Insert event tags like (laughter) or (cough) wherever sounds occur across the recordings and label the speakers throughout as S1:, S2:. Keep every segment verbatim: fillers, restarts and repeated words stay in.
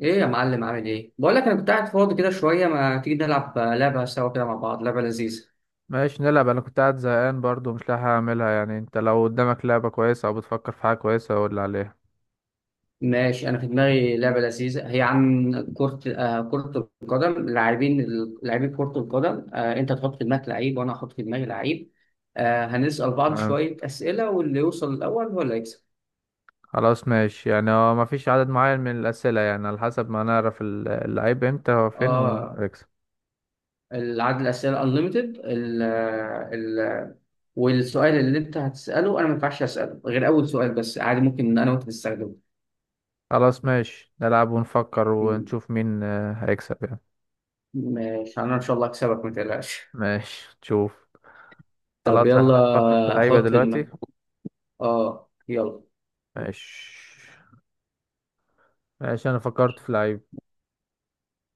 S1: ايه يا معلم عامل ايه؟ بقول لك انا كنت قاعد فاضي كده شويه، ما تيجي نلعب لعبه سوا كده مع بعض، لعبه لذيذه.
S2: ماشي، نلعب. انا كنت قاعد زهقان برضو، مش لاقي حاجة اعملها. يعني انت لو قدامك لعبة كويسة او بتفكر في حاجة كويسة قول لي عليها.
S1: ماشي، انا في دماغي لعبه لذيذه، هي عن كره آه كره القدم، لاعبين لاعبين كره القدم. آه انت تحط في دماغك لعيب وانا احط في دماغي لعيب. آه هنسال بعض
S2: تمام.
S1: شويه اسئله، واللي يوصل الاول هو اللي يكسب.
S2: خلاص ماشي، يعني هو مفيش عدد معين من الأسئلة، يعني على حسب ما نعرف ال- اللعيب امتى هو فين
S1: اه،
S2: وهيكسب.
S1: العدد الاسئله انليمتد. ال ال والسؤال اللي انت هتساله انا ما ينفعش اساله غير اول سؤال، بس عادي ممكن انا وانت نستخدمه.
S2: خلاص ماشي، نلعب ونفكر ونشوف مين آه، هيكسب يعني.
S1: ماشي، انا ان شاء الله اكسبك ما تقلقش.
S2: ماشي تشوف.
S1: طب
S2: خلاص، احنا هنفكر في
S1: يلا
S2: لعيبة
S1: حط في
S2: دلوقتي.
S1: دماغك. اه يلا.
S2: ماشي. ماشي، انا فكرت في لعيب.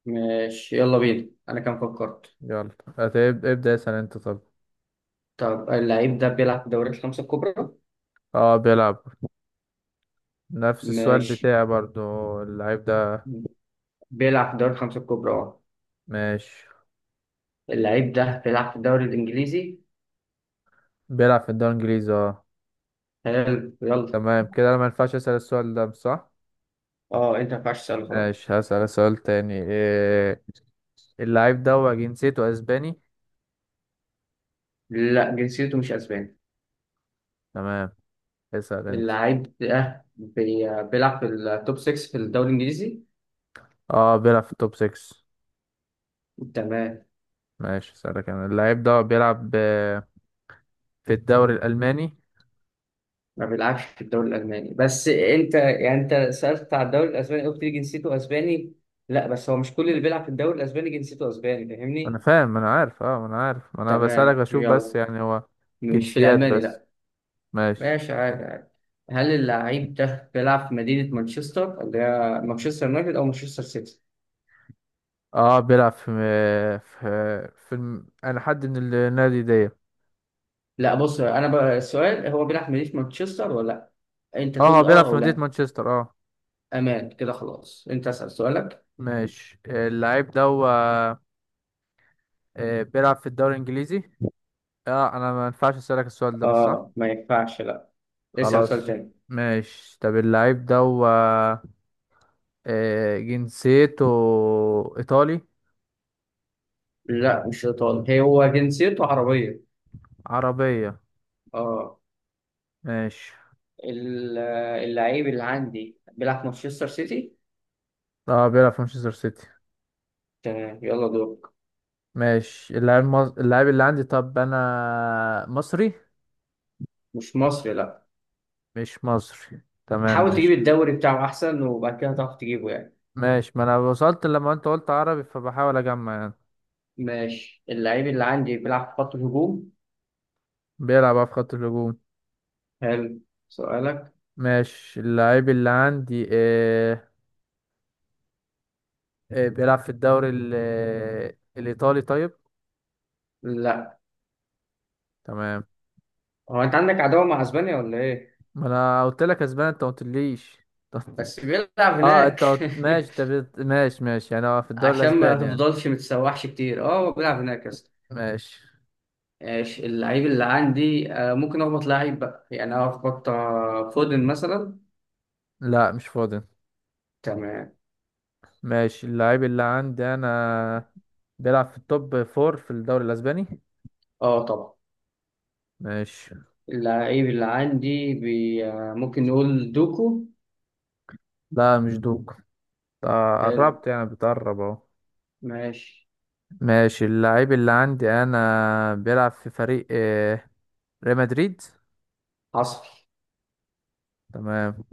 S1: ماشي يلا بينا، انا كان فكرت.
S2: يلا. هتبدأ ابدأ اسأل انت؟ طب.
S1: طب اللعيب ده بيلعب في الدوريات الخمسة الكبرى؟
S2: اه بيلعب. نفس السؤال
S1: ماشي،
S2: بتاعي برضو. اللعيب ده.
S1: بيلعب في الدوري الخمسة الكبرى اه.
S2: ماشي.
S1: اللعيب ده بيلعب في الدوري الانجليزي؟
S2: بيلعب في الدوري الانجليزي، اه.
S1: حلو يلا.
S2: تمام كده، انا ما ينفعش اسال السؤال ده صح.
S1: اه، انت ما ينفعش تسأله خلاص.
S2: ماشي، هسال سؤال تاني إيه. اللعيب ده هو جنسيته اسباني؟
S1: لا، جنسيته مش اسباني.
S2: تمام. اسال انت.
S1: اللعيب ده بي- بيلعب في التوب ستة في الدوري الانجليزي.
S2: اه بيلعب في التوب ستة.
S1: تمام.
S2: ماشي، اسالك انا، اللعيب ده بيلعب آه، في الدوري الالماني؟
S1: ما بيلعبش في الدوري الألماني، بس أنت يعني أنت سألت على الدوري الأسباني قلت لي جنسيته أسباني. لا بس هو مش كل اللي بيلعب في الدوري الأسباني جنسيته أسباني،
S2: انا
S1: فاهمني؟
S2: فاهم، ما انا عارف، اه ما انا عارف، ما انا بسالك
S1: تمام
S2: اشوف بس،
S1: يلا.
S2: يعني هو
S1: مش في
S2: جنسيات
S1: الألماني
S2: بس.
S1: لا.
S2: ماشي.
S1: ماشي، عادي عادي. هل اللعيب ده بيلعب في مدينة مانشستر، اللي هي مانشستر يونايتد أو مانشستر سيتي؟
S2: اه بيلعب في آه، في, آه، في الم- انا حد من النادي دي.
S1: لا بص، أنا بقى السؤال هو بيلعب في مدينة مانشستر ولا لا؟ أنت
S2: اه
S1: تقول
S2: هو
S1: لي
S2: بيلعب
S1: أه
S2: في
S1: أو
S2: مدينة
S1: لا.
S2: مانشستر آه.
S1: أمان كده خلاص، أنت اسأل سؤالك.
S2: ماشي، اللعيب ده هو آه، بيلعب في الدوري الانجليزي؟ اه انا ما ينفعش اسالك السؤال ده، مش صح.
S1: أه ما ينفعش لا. اسأل سؤال
S2: خلاص.
S1: تاني.
S2: ماشي، طب اللعيب ده هو آه، جنسيته ايطالي؟
S1: لا مش ايطالي، هو جنسيته عربية.
S2: عربية؟
S1: اه.
S2: ماشي.
S1: ال- اللعيب اللي عندي بيلعب في مانشستر سيتي.
S2: اه بيلعب في مانشستر سيتي.
S1: تمام يلا دورك.
S2: ماشي. اللعيب مص... اللعيب اللي عندي، طب انا مصري؟
S1: مش مصري لا.
S2: مش مصري. تمام
S1: حاول تجيب
S2: ماشي.
S1: الدوري بتاعه احسن، وبعد كده هتعرف تجيبه يعني.
S2: ماشي، ما انا وصلت لما انت قلت عربي، فبحاول اجمع يعني.
S1: ماشي، اللعيب اللي عندي بيلعب في خط الهجوم.
S2: بيلعب بقى في خط الهجوم.
S1: حلو. سؤالك.
S2: ماشي، اللعيب اللي عندي آه آه بيلعب في الدوري ال- آه، الإيطالي طيب؟
S1: لا.
S2: تمام.
S1: هو انت عندك عداوة مع اسبانيا ولا ايه؟
S2: ما انا قلت لك اسباني انت ما قلتليش (laughs) طب-
S1: بس بيلعب
S2: اه
S1: هناك
S2: انت قلت- ماشي، طب
S1: (laughs)
S2: انت بت- ماشي ماشي، يعني هو في الدوري
S1: عشان ما
S2: الاسباني يعني.
S1: تفضلش متسوحش كتير، اه هو بيلعب هناك يا اسطى.
S2: ماشي.
S1: ماشي، اللعيب اللي عندي، آه، ممكن اخبط لعيب بقى، يعني انا اخبط آه، فودن مثلا.
S2: لا مش فاضي.
S1: تمام.
S2: ماشي، اللعيب اللي عندي انا بيلعب في التوب فور في الدوري الاسباني.
S1: اه طبعا.
S2: ماشي.
S1: اللعيب اللي عندي بي... آه، ممكن نقول دوكو.
S2: لا مش دوك. آه،
S1: حلو
S2: قربت يعني، بتقرب اهو.
S1: ماشي.
S2: ماشي، اللعيب اللي عندي انا بيلعب في فريق آه، ريال مدريد.
S1: حصل.
S2: تمام.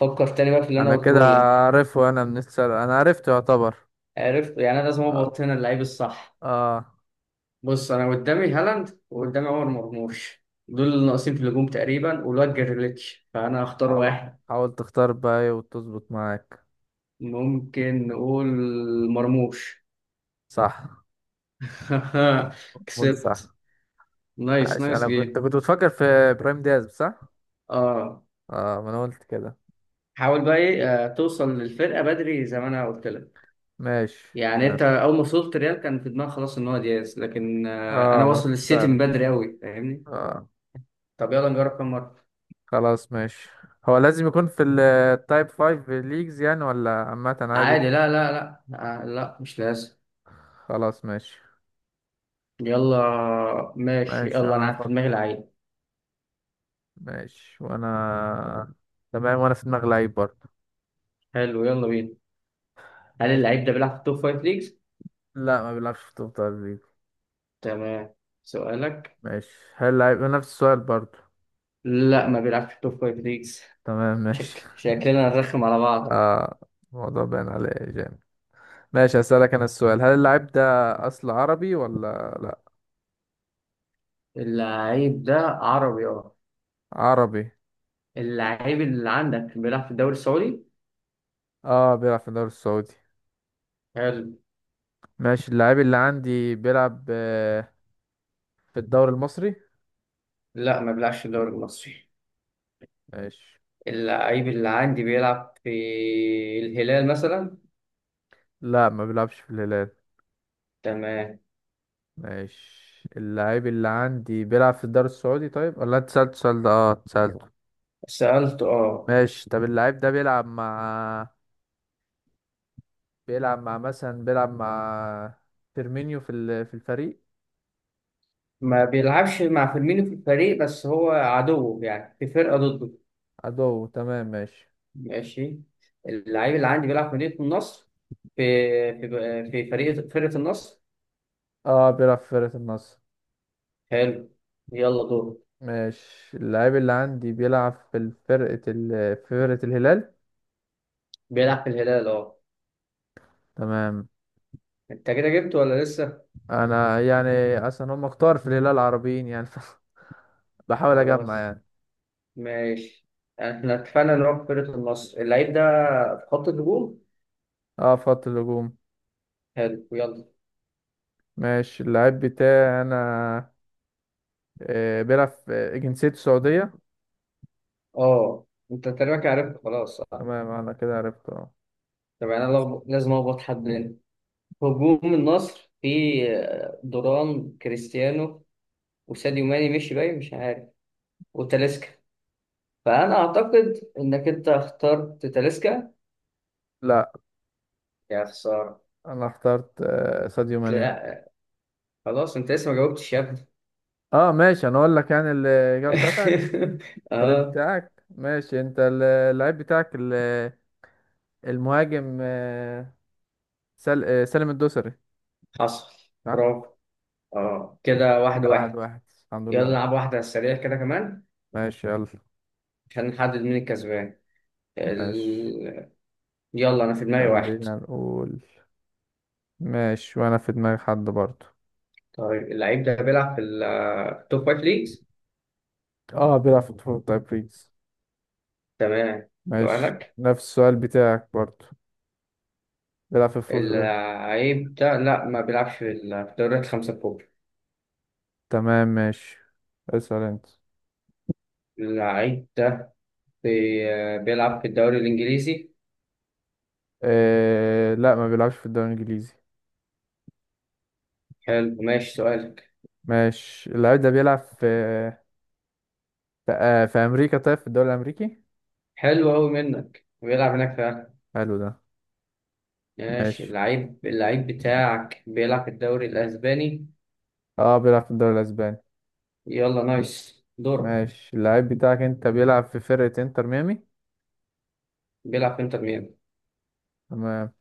S1: فكر تاني بقى في اللي انا
S2: انا كده
S1: قلته لك.
S2: عارفه، انا من السر انا عرفته يعتبر.
S1: عرفت، يعني انا لازم
S2: اه.
S1: اخبط هنا اللعيب الصح.
S2: آه.
S1: بص انا قدامي هالاند وقدامي عمر مرموش، دول اللي ناقصين في الهجوم تقريبا، والواد جريليتش، فانا هختار
S2: حاول،
S1: واحد.
S2: حاول تختار بقى وتظبط معاك.
S1: ممكن نقول مرموش.
S2: صح.
S1: (laughs)
S2: قول صح.
S1: كسبت. نايس،
S2: عشان
S1: نايس
S2: انا كنت
S1: جيم.
S2: كنت بتفكر في ابراهيم دياز، صح؟
S1: اه.
S2: اه ما انا قلت كده.
S1: حاول بقى ايه، آه، توصل للفرقه بدري زي ما انا قلت لك.
S2: ماشي.
S1: يعني
S2: تمام.
S1: انت اول ما وصلت ريال كان في دماغك خلاص ان هو دياز، لكن آه، انا
S2: اه ما
S1: واصل
S2: في-
S1: للسيتي
S2: فعلا.
S1: من بدري قوي، فاهمني؟
S2: اه.
S1: طب يلا نجرب كام مره.
S2: خلاص ماشي. هو لازم يكون في التايب خمسة ليجز يعني ولا عامة عادي؟
S1: عادي لا لا لا. آه لا مش لازم.
S2: خلاص ماشي.
S1: يلا ماشي
S2: ماشي
S1: يلا، انا
S2: انا
S1: عارف في
S2: هفكر.
S1: دماغي لعيب.
S2: ماشي. وانا تمام، وانا في دماغي لعيب برضه.
S1: حلو يلا بينا. هل
S2: ماشي.
S1: اللعيب ده بيلعب في التوب فايف ليجز؟
S2: لا ما بيلعبش في توب تدريب.
S1: تمام سؤالك.
S2: ماشي، هل لعيب نفس السؤال برضو؟
S1: لا ما بيلعبش في التوب فايف ليجز.
S2: تمام ماشي
S1: شكل
S2: (laughs)
S1: شكلنا نرخم على بعض.
S2: آه، الموضوع باين عليه جامد. ماشي، هسألك أنا السؤال، هل اللاعب ده أصل عربي ولا لا؟
S1: اللعيب ده عربي اه.
S2: عربي؟
S1: اللعيب اللي عندك بيلعب في الدوري السعودي؟
S2: اه بيلعب في الدوري السعودي.
S1: حلو.
S2: ماشي، اللاعب اللي عندي بيلعب آه، في الدوري المصري؟
S1: لا ما بيلعبش في الدوري المصري.
S2: ماشي.
S1: اللعيب اللي عندي بيلعب في الهلال مثلا؟
S2: لا ما بيلعبش في الهلال.
S1: تمام.
S2: ماشي. اللاعب اللي عندي بيلعب في الدوري السعودي طيب، ولا انت سألت السؤال ده؟ اه سألته.
S1: سألت اه.
S2: ماشي. طب اللاعب ده بيلعب مع، بيلعب مع مثلا، بيلعب مع فيرمينيو في ال- في الفريق؟
S1: ما بيلعبش مع فيرمينو في الفريق، بس هو عدوه يعني في فرقة ضده.
S2: عدو؟ تمام ماشي.
S1: ماشي، اللعيب اللي عندي بيلعب في مدينة النصر، في في في فريق فرقة النصر.
S2: اه بيلعب في فرقة النصر.
S1: حلو يلا دور.
S2: ماشي، اللاعب اللي عندي بيلعب في فرقة ال... في فرقة الهلال.
S1: بيلعب في الهلال اه.
S2: تمام.
S1: انت كده جبته ولا لسه؟
S2: انا يعني اصلا هم كتار في الهلال العربيين يعني (laughs) بحاول اجمع
S1: خلاص
S2: يعني.
S1: ماشي. احنا اتفقنا ان هو في فرقة النصر، اللعيب ده في خط الهجوم.
S2: اه في خط الهجوم.
S1: حلو يلا.
S2: ماشي، اللاعب بتاعي انا آه بيلعب في، جنسيته سعودية.
S1: اه انت تقريبا عرفت خلاص صح.
S2: تمام انا كده عرفته.
S1: طب يعني انا لغ- لازم اخبط حد منه. هجوم النصر في آه، دوران كريستيانو وساديو ماني مشي باين مش عارف وتاليسكا، فانا اعتقد انك انت اخترت تاليسكا.
S2: لا،
S1: يا خسارة.
S2: انا اخترت آه ساديو ماني.
S1: لا. خلاص انت لسه ما جاوبتش يا ابني.
S2: اه ماشي، انا اقول لك يعني الاجابه بتاعتك،
S1: (laughs)
S2: الفريق
S1: اه
S2: بتاعك. ماشي، انت ال- اللعيب بتاعك ال- المهاجم آه، سل... آه، سالم الدوسري.
S1: حصل.
S2: صح.
S1: برافو. اه كده
S2: كده
S1: واحد
S2: واحد
S1: واحد.
S2: واحد، الحمد
S1: يلا
S2: لله.
S1: نلعب واحدة على السريع كده كمان،
S2: ماشي يلا.
S1: عشان نحدد مين الكسبان.
S2: ماشي.
S1: ال... يلا أنا في دماغي واحد.
S2: خلينا نقول. ماشي، وانا في دماغي حد برضه.
S1: طيب اللعيب ده بيلعب في ال- في التوب فايف ليجز؟
S2: اه بيلعب في الفوز طيب بيس.
S1: تمام
S2: ماشي،
S1: سؤالك.
S2: نفس السؤال بتاعك برضه. بيلعب في الفوز.
S1: اللعيب ده لا ما بيلعبش في ال- في الدوريات الخمسة الكبرى.
S2: تمام ماشي. اسأل انت.
S1: اللعيب ده بي... بيلعب في الدوري الإنجليزي.
S2: آه... لا ما بيلعبش في الدوري الانجليزي.
S1: حلو ماشي سؤالك.
S2: ماشي، اللعيب ده بيلعب في ف- آه، في امريكا طيب، في الدوري الامريكي.
S1: حلو أوي منك، بيلعب هناك فعلا.
S2: حلو ده.
S1: ماشي،
S2: ماشي،
S1: اللعيب اللعيب بتاعك بيلعب في الدوري الأسباني.
S2: اه بيلعب في الدوري الاسباني.
S1: يلا نايس دور.
S2: ماشي، اللعيب بتاعك انت بيلعب في فرقة انتر ميامي؟
S1: بيلعب في انتر ميامي.
S2: تمام.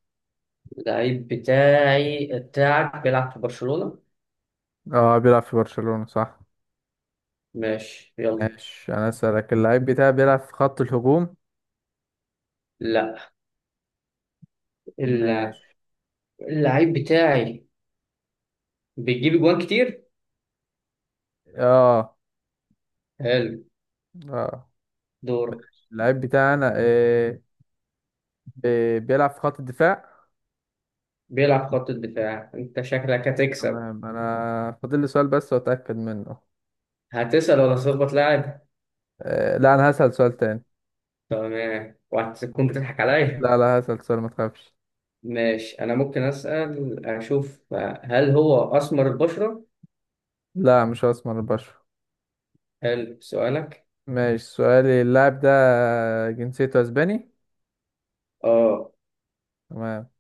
S1: اللعيب بتاعي بتاعك بيلعب في برشلونة.
S2: اه بيلعب في برشلونة، صح.
S1: ماشي يلا.
S2: ماشي، انا اسالك، اللعيب بتاعي بيلعب في خط الهجوم؟
S1: لا. الل-
S2: ماشي.
S1: اللعيب بتاعي بيجيب جوان كتير.
S2: اه
S1: حلو
S2: اه.
S1: دور.
S2: اللعيب بتاعي انا آه آه، بيلعب في خط الدفاع.
S1: بيلعب خط الدفاع، انت شكلك هتكسب.
S2: تمام، انا فاضل لي سؤال بس واتاكد منه.
S1: هتسأل ولا تخبط لاعب؟
S2: آه لا، انا هسال سؤال تاني.
S1: تمام، وهتكون بتضحك
S2: لا
S1: عليا.
S2: لا، هسال سؤال ما تخافش.
S1: ماشي انا ممكن أسأل اشوف. هل هو اسمر البشرة؟
S2: لا مش اسمر البشر.
S1: حلو سؤالك.
S2: ماشي، سؤالي، اللاعب ده جنسيته اسباني؟
S1: اه.
S2: تمام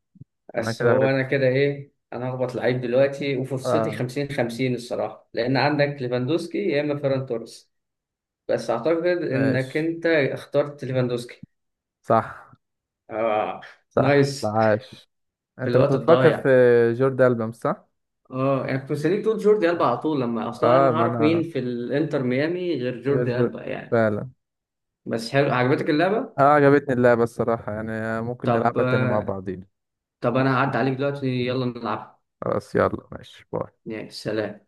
S2: انا
S1: بس
S2: كده
S1: هو انا
S2: عرفته.
S1: كده ايه، انا هخبط لعيب دلوقتي وفرصتي
S2: اه.
S1: خمسين خمسين الصراحه، لان عندك ليفاندوسكي يا اما فيران توريس. بس اعتقد انك
S2: ماشي.
S1: انت اخترت ليفاندوسكي.
S2: صح.
S1: اه
S2: صح،
S1: نايس.
S2: عاش.
S1: في
S2: انت كنت
S1: الوقت
S2: بتفكر في
S1: الضايع.
S2: جورد ألبا، مش صح؟
S1: اه انا يعني كنت مستنيك تقول جوردي البا
S2: اه
S1: على طول، لما اصلا انا
S2: آه، ما
S1: هعرف مين
S2: انا
S1: في الانتر ميامي غير
S2: غير
S1: جوردي
S2: جورد،
S1: البا يعني.
S2: فعلا.
S1: بس حلو، عجبتك اللعبه.
S2: اه عجبتني اللعبة الصراحة يعني، ممكن
S1: طب
S2: نلعبها تاني مع
S1: آه،
S2: بعضين.
S1: طب انا هعدي عليك دلوقتي يلا نلعب.
S2: خلاص يلا ماشي، باي.
S1: يعني سلام.